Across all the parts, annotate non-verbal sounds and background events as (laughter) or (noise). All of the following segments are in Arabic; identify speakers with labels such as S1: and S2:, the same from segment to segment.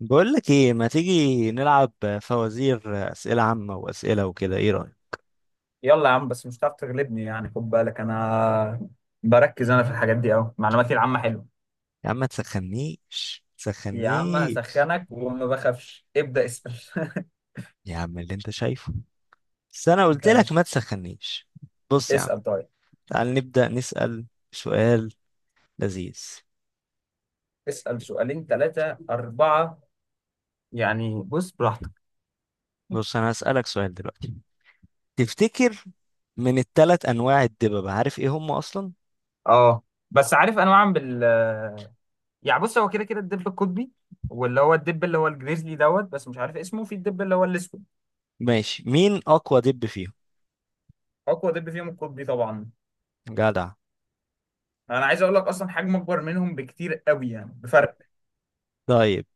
S1: بقول لك ايه؟ ما تيجي نلعب فوازير، اسئله عامه واسئله وكده؟ ايه رايك؟
S2: يلا يا عم، بس مش هتعرف تغلبني يعني. خد بالك انا بركز، انا في الحاجات دي قوي، معلوماتي العامة حلوة.
S1: يا عم ما تسخنيش
S2: يا عم
S1: تسخنيش.
S2: هسخنك وما بخافش، ابدأ اسأل. (laughs)
S1: يا عم اللي انت شايفه، بس انا قلت لك ما
S2: ماشي،
S1: تسخنيش. بص يا عم،
S2: اسأل طيب.
S1: تعال نبدا نسال سؤال لذيذ.
S2: اسأل سؤالين ثلاثة أربعة يعني، بص براحتك.
S1: بص انا هسالك سؤال دلوقتي. تفتكر من الثلاث انواع الدببة عارف ايه هم اصلا؟
S2: اه، بس عارف انا بعمل بال، يعني بص هو كده كده الدب القطبي، واللي هو الدب اللي هو الجريزلي دوت، بس مش عارف اسمه في الدب اللي هو الاسود.
S1: ماشي، مين اقوى دب فيهم؟
S2: اقوى دب فيهم القطبي طبعا.
S1: جدع.
S2: انا عايز اقول لك اصلا حجمه اكبر منهم بكتير قوي، يعني بفرق.
S1: طيب،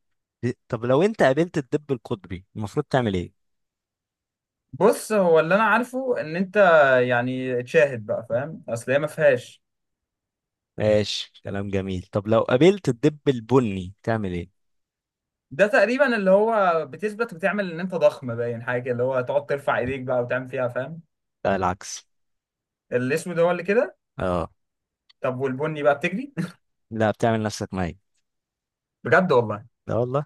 S1: طب لو انت قابلت الدب القطبي المفروض تعمل ايه؟
S2: بص هو اللي انا عارفه ان انت يعني تشاهد بقى فاهم، اصل هي ما فيهاش.
S1: ماشي، كلام جميل. طب لو قابلت الدب البني تعمل ايه؟
S2: ده تقريبا اللي هو بتثبت وتعمل ان انت ضخم، باين حاجه كده، اللي هو تقعد ترفع ايديك بقى وتعمل فيها فاهم.
S1: لا العكس.
S2: الاسود هو اللي كده.
S1: اه.
S2: طب والبني بقى بتجري.
S1: لا، بتعمل نفسك ميت.
S2: (laughs) بجد والله.
S1: لا والله.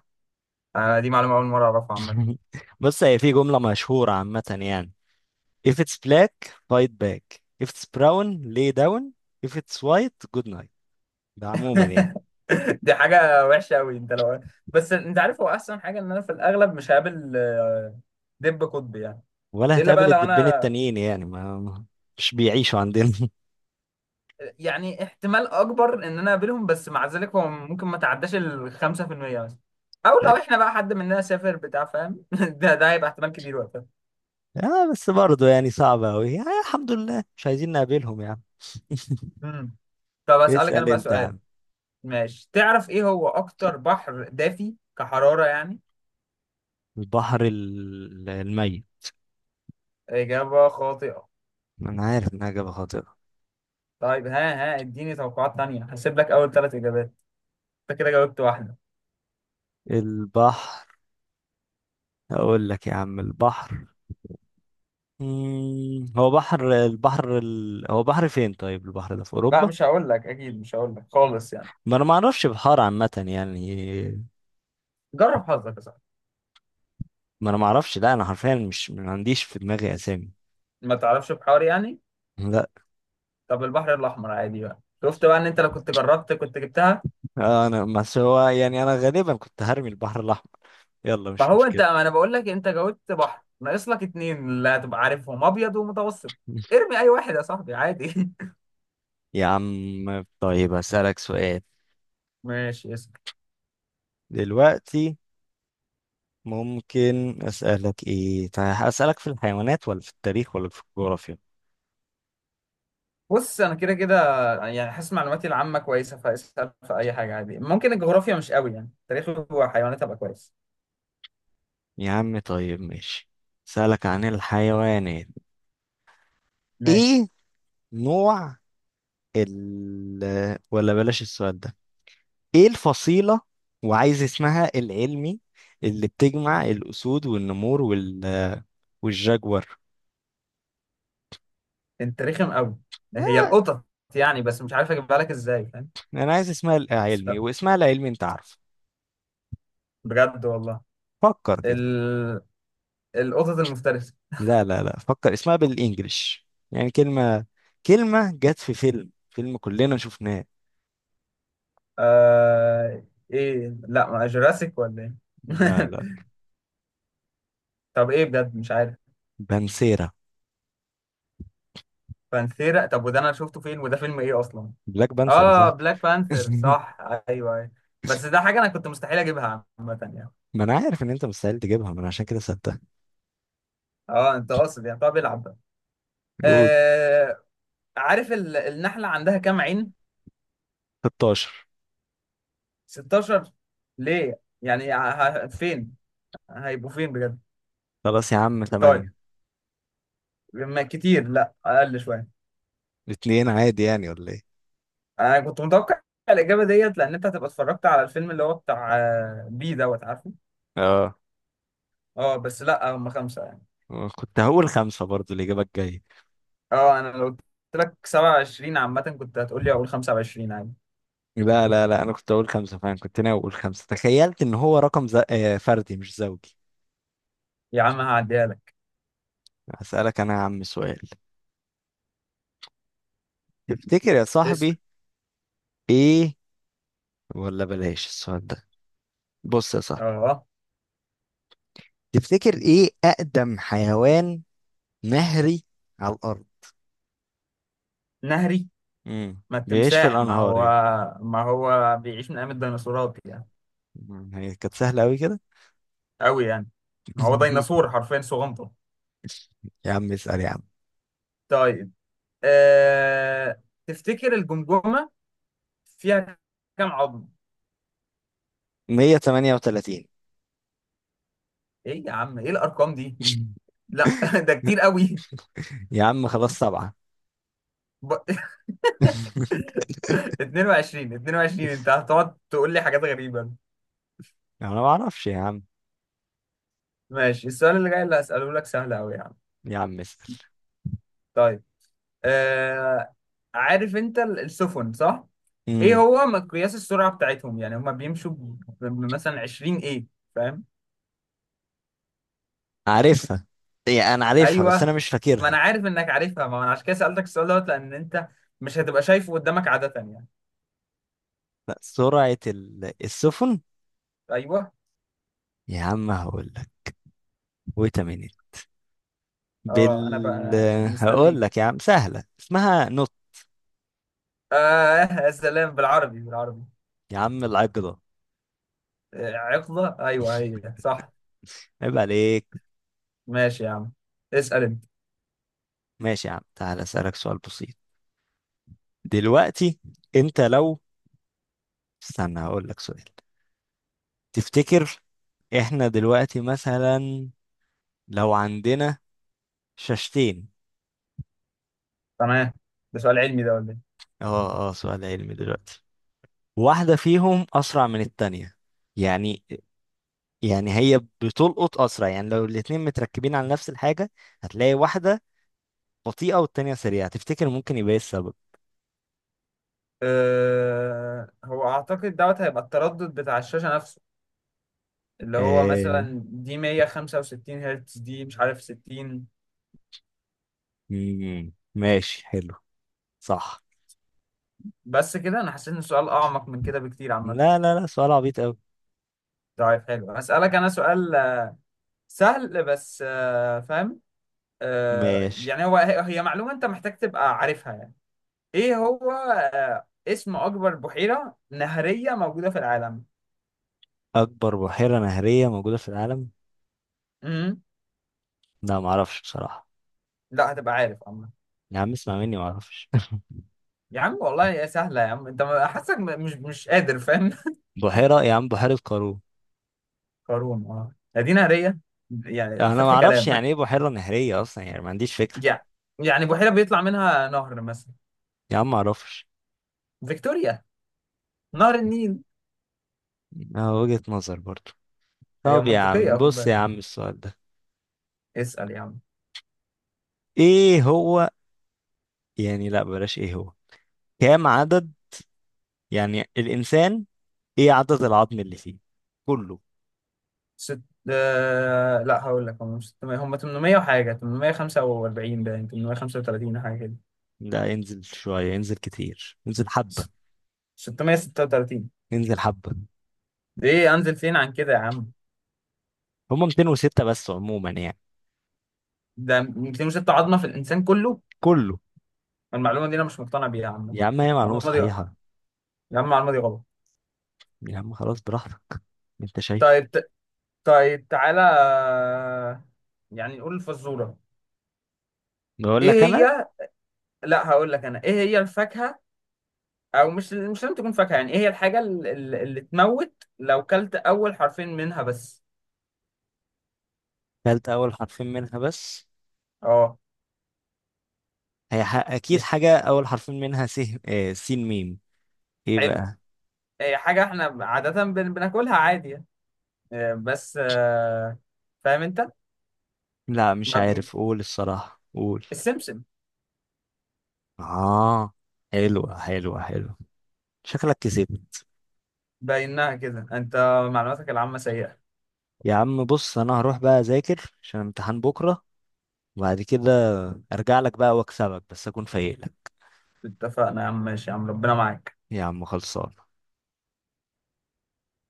S2: انا دي معلومه اول مره اعرفها عامه.
S1: (laughs) بص، هي في جملة مشهورة عامة يعني if it's black fight back, if it's brown lay down, if it's white good night. ده عموما يعني.
S2: (laughs) دي حاجه وحشه قوي انت لو. بس انت عارف هو احسن حاجه ان انا في الاغلب مش هقابل دب قطبي يعني.
S1: ولا
S2: الا بقى
S1: هتقابل
S2: لو
S1: الدبين
S2: انا
S1: التانيين يعني مش بيعيشوا عندنا.
S2: يعني احتمال اكبر ان انا اقابلهم، بس مع ذلك هو ممكن ما تعداش ال 5% مثلا. او لو
S1: (laughs)
S2: احنا بقى حد مننا سافر بتاع فاهم، (laughs) ده هيبقى احتمال كبير وقتها.
S1: اه بس برضه يعني صعبة أوي يعني، الحمد لله مش عايزين نقابلهم يعني.
S2: امم طب اسالك انا
S1: اسأل
S2: بقى
S1: انت يا
S2: سؤال.
S1: عم.
S2: ماشي، تعرف ايه هو اكتر بحر دافي كحرارة يعني؟
S1: البحر الميت.
S2: اجابة خاطئة.
S1: انا عارف انها اجابة خاطئة.
S2: طيب ها ها، اديني توقعات تانية، هسيب لك اول ثلاث اجابات. انت كده جاوبت واحدة.
S1: البحر. اقول لك يا عم البحر. هو بحر، هو بحر فين؟ طيب البحر ده في
S2: لا
S1: اوروبا.
S2: مش هقول لك، اكيد مش هقول لك خالص يعني.
S1: ما انا ما اعرفش بحار عامه يعني.
S2: جرب حظك يا صاحبي.
S1: ما انا ما اعرفش، لا انا حرفيا مش ما عنديش في دماغي اسامي.
S2: ما تعرفش بحار يعني؟
S1: لا.
S2: طب البحر الاحمر عادي بقى، شفت بقى ان انت لو كنت جربت كنت جبتها.
S1: انا بس هو يعني انا غالبا كنت هرمي البحر الاحمر. يلا
S2: ما
S1: مش
S2: هو انت،
S1: مشكله.
S2: ما انا بقول لك انت جاوبت بحر، ناقص لك اتنين اللي هتبقى عارفهم، ابيض ومتوسط.
S1: (laughs)
S2: ارمي اي واحد يا صاحبي عادي.
S1: يا عم طيب هسألك سؤال
S2: (laughs) ماشي، اسال.
S1: دلوقتي. ممكن أسألك إيه؟ طيب أسألك في الحيوانات ولا في التاريخ ولا في الجغرافيا؟
S2: بص انا كده كده يعني حاسس معلوماتي العامه كويسه، فاسال في اي حاجه عادي، ممكن الجغرافيا مش قوي يعني، تاريخ وحيوانات هبقى كويس.
S1: يا عم طيب ماشي. سألك عن الحيوانات.
S2: ماشي.
S1: ايه نوع ال ولا بلاش السؤال ده. ايه الفصيلة، وعايز اسمها العلمي، اللي بتجمع الأسود والنمور وال والجاجور؟
S2: انت رخم قوي. هي
S1: آه،
S2: القطط يعني، بس مش عارف اجيبها لك ازاي فاهم.
S1: انا عايز اسمها العلمي، واسمها العلمي انت عارفه.
S2: بجد والله.
S1: فكر كده.
S2: ال... القطط المفترسه.
S1: لا لا لا، فكر اسمها بالانجلش. يعني كلمة جت في فيلم كلنا شفناه.
S2: آه ايه، لا ما جوراسيك ولا ايه.
S1: لا لا.
S2: (laughs) طب ايه بجد مش عارف.
S1: بانسيرا.
S2: بانثيرا؟ طب وده انا شفته فين وده فيلم ايه اصلا؟
S1: بلاك بانسيرا
S2: اه
S1: صاحبي.
S2: بلاك بانثر
S1: (laughs)
S2: صح، ايوه ايوه. بس ده حاجه انا كنت مستحيل اجيبها عامه يعني.
S1: ما انا عارف ان انت مستحيل تجيبها، ما انا عشان كده سبتها.
S2: اه، انت قاصد يعني، طب العب بقى.
S1: قول.
S2: آه عارف النحله عندها كام عين؟
S1: 16.
S2: 16. ليه يعني، فين هيبقوا فين بجد؟
S1: خلاص يا عم،
S2: طيب،
S1: 8.
S2: ما كتير لا، اقل شويه.
S1: اتنين عادي يعني، ولا ايه؟
S2: انا كنت متوقع الاجابه ديت لان انت هتبقى اتفرجت على الفيلم اللي هو بتاع بي دوت، عارفه.
S1: اه،
S2: اه بس لا، هم خمسه يعني.
S1: كنت هقول خمسة برضو الإجابة الجاية.
S2: اه انا لو قلت لك 27 عامه كنت هتقول لي اقول 25 عادي.
S1: لا لا لا، أنا كنت هقول خمسة فعلا، كنت ناوي أقول خمسة، تخيلت إن هو رقم ز... آه، فردي مش زوجي.
S2: يا عم هعديها لك.
S1: هسألك أنا يا عم سؤال. تفتكر يا
S2: اسال.
S1: صاحبي إيه، ولا بلاش السؤال ده. بص يا صاحبي،
S2: اه.
S1: تفتكر إيه أقدم حيوان نهري على الأرض؟
S2: نهري.
S1: امم.
S2: ما
S1: بيعيش في
S2: التمساح ما
S1: الأنهار
S2: هو.
S1: يعني.
S2: ما هو بيعيش من ايام الديناصورات يعني.
S1: هي كانت سهلة أوي كده.
S2: قوي يعني. هو
S1: (laughs)
S2: ديناصور حرفيا صغنطه.
S1: يا عم اسأل يا عم.
S2: طيب. تفتكر الجمجمه فيها كام عظم؟
S1: 138.
S2: ايه يا عم، ايه الارقام دي؟ لا، (laughs)
S1: (laughs)
S2: ده كتير قوي.
S1: يا عم خلاص، سبعة.
S2: ب...
S1: (laughs)
S2: (laughs) 22، 22 انت هتقعد تقول لي حاجات غريبة.
S1: انا ما اعرفش يا عم.
S2: ماشي، السؤال اللي جاي اللي هسأله لك سهل أوي يا عم.
S1: يا عم اسأل.
S2: طيب. آه... عارف انت السفن صح؟ ايه
S1: امم.
S2: هو مقياس السرعة بتاعتهم؟ يعني هما بيمشوا مثلا 20 ايه، فاهم؟
S1: عارفها، يعني انا عارفها بس انا
S2: ايوه.
S1: مش
S2: ما انا
S1: فاكرها.
S2: عارف انك عارفها، ما انا عشان كده سألتك السؤال دوت، لأن انت مش هتبقى شايفه قدامك عادة يعني.
S1: لا، سرعة السفن.
S2: ايوه.
S1: يا عم هقول لك، ويت مينيت.
S2: اه انا
S1: بال
S2: بقى
S1: هقول
S2: مستنيك.
S1: لك يا عم سهلة، اسمها نط.
S2: اه يا سلام، بالعربي بالعربي.
S1: يا عم العقدة.
S2: عقدة ايوه هي صح.
S1: عيب عليك.
S2: ماشي يا عم. اسأل انت.
S1: ماشي يا عم، تعال اسألك سؤال بسيط دلوقتي. انت لو، استنى هقول لك سؤال، تفتكر احنا دلوقتي مثلا لو عندنا شاشتين.
S2: تمام. ده سؤال علمي ده ولا ايه؟
S1: اه اه، سؤال علمي دلوقتي. واحدة فيهم أسرع من التانية يعني، يعني هي بتلقط أسرع يعني، لو الاتنين متركبين على نفس الحاجة هتلاقي واحدة بطيئة والتانية سريعة. تفتكر ممكن يبقى ايه السبب؟
S2: أه، هو اعتقد دوت هيبقى التردد بتاع الشاشة نفسه، اللي هو
S1: آه...
S2: مثلا دي 165 هرتز، دي مش عارف 60.
S1: ماشي حلو. صح.
S2: بس كده انا حسيت ان السؤال اعمق من كده بكتير عامة.
S1: لا لا لا، سؤال عبيط أوي.
S2: طيب حلو، هسألك انا سؤال سهل بس فاهم.
S1: ماشي.
S2: يعني هو هي هي معلومة انت محتاج تبقى عارفها يعني. ايه هو اسم اكبر بحيرة نهرية موجودة في العالم؟
S1: أكبر بحيرة نهرية موجودة في العالم؟
S2: امم
S1: لا معرفش بصراحة.
S2: لا، هتبقى عارف.
S1: يا عم اسمع مني معرفش.
S2: يا عم والله يا سهلة يا عم، انت حاسك مش قادر فاهم.
S1: بحيرة، يا عم بحيرة قارون.
S2: (laughs) قارون، مدينة هرية يعني،
S1: انا ما
S2: فتح
S1: اعرفش
S2: كلام.
S1: يعني ايه بحيرة نهرية اصلا، يعني ما عنديش فكرة.
S2: يعني يعني بحيرة بيطلع منها نهر مثلا.
S1: يا عم ما اعرفش.
S2: فيكتوريا. نهر النيل.
S1: اه، وجهة نظر برضو.
S2: هي
S1: طب يا
S2: منطقية
S1: عم
S2: خد
S1: بص يا
S2: بالك.
S1: عم السؤال ده.
S2: اسأل يا عم.
S1: ايه هو يعني، لا بلاش. ايه هو كام عدد يعني الانسان، ايه عدد العظم اللي فيه كله؟
S2: ست لا هقول لك، هم مش 600، هم 800 وحاجة، 845، باين 835 حاجة كده.
S1: لا، انزل شوية، انزل كتير، انزل حبة.
S2: ست- 636.
S1: انزل حبة.
S2: ايه انزل فين عن كده يا عم؟
S1: هما 206 بس عموما يعني.
S2: ده 206 عظمة في الإنسان كله؟
S1: كله.
S2: المعلومة دي أنا مش مقتنع بيها يا عم.
S1: يا عم هي معلومة
S2: المعلومة دي غلط.
S1: صحيحة.
S2: يا عم المعلومة دي غلط.
S1: يا عم خلاص براحتك، انت شايفه.
S2: طيب ت- طيب تعالى، يعني نقول الفزورة.
S1: بقول لك
S2: ايه
S1: انا،
S2: هي؟ لا هقول لك انا، ايه هي الفاكهة، او مش لازم تكون فاكهة يعني، ايه هي الحاجة اللي تموت لو كلت اول حرفين منها بس؟
S1: قلت اول حرفين منها بس.
S2: اه.
S1: هي اكيد
S2: ي-
S1: حاجة اول حرفين منها س. سين ميم. ايه
S2: حلو.
S1: بقى؟
S2: هي حاجة احنا عادة بناكلها عادي يعني. بس فاهم انت.
S1: لا مش
S2: ما-
S1: عارف، قول الصراحة، قول.
S2: السمسم.
S1: اه، حلوة حلوة حلوة. شكلك كسبت.
S2: باينها كده، انت معلوماتك العامة سيئة.
S1: يا عم بص انا هروح بقى اذاكر عشان امتحان بكرة، وبعد كده ارجع لك بقى واكسبك بس اكون فايق لك.
S2: اتفقنا يا عم، ماشي يا عم، ربنا معاك.
S1: يا عم خلصان.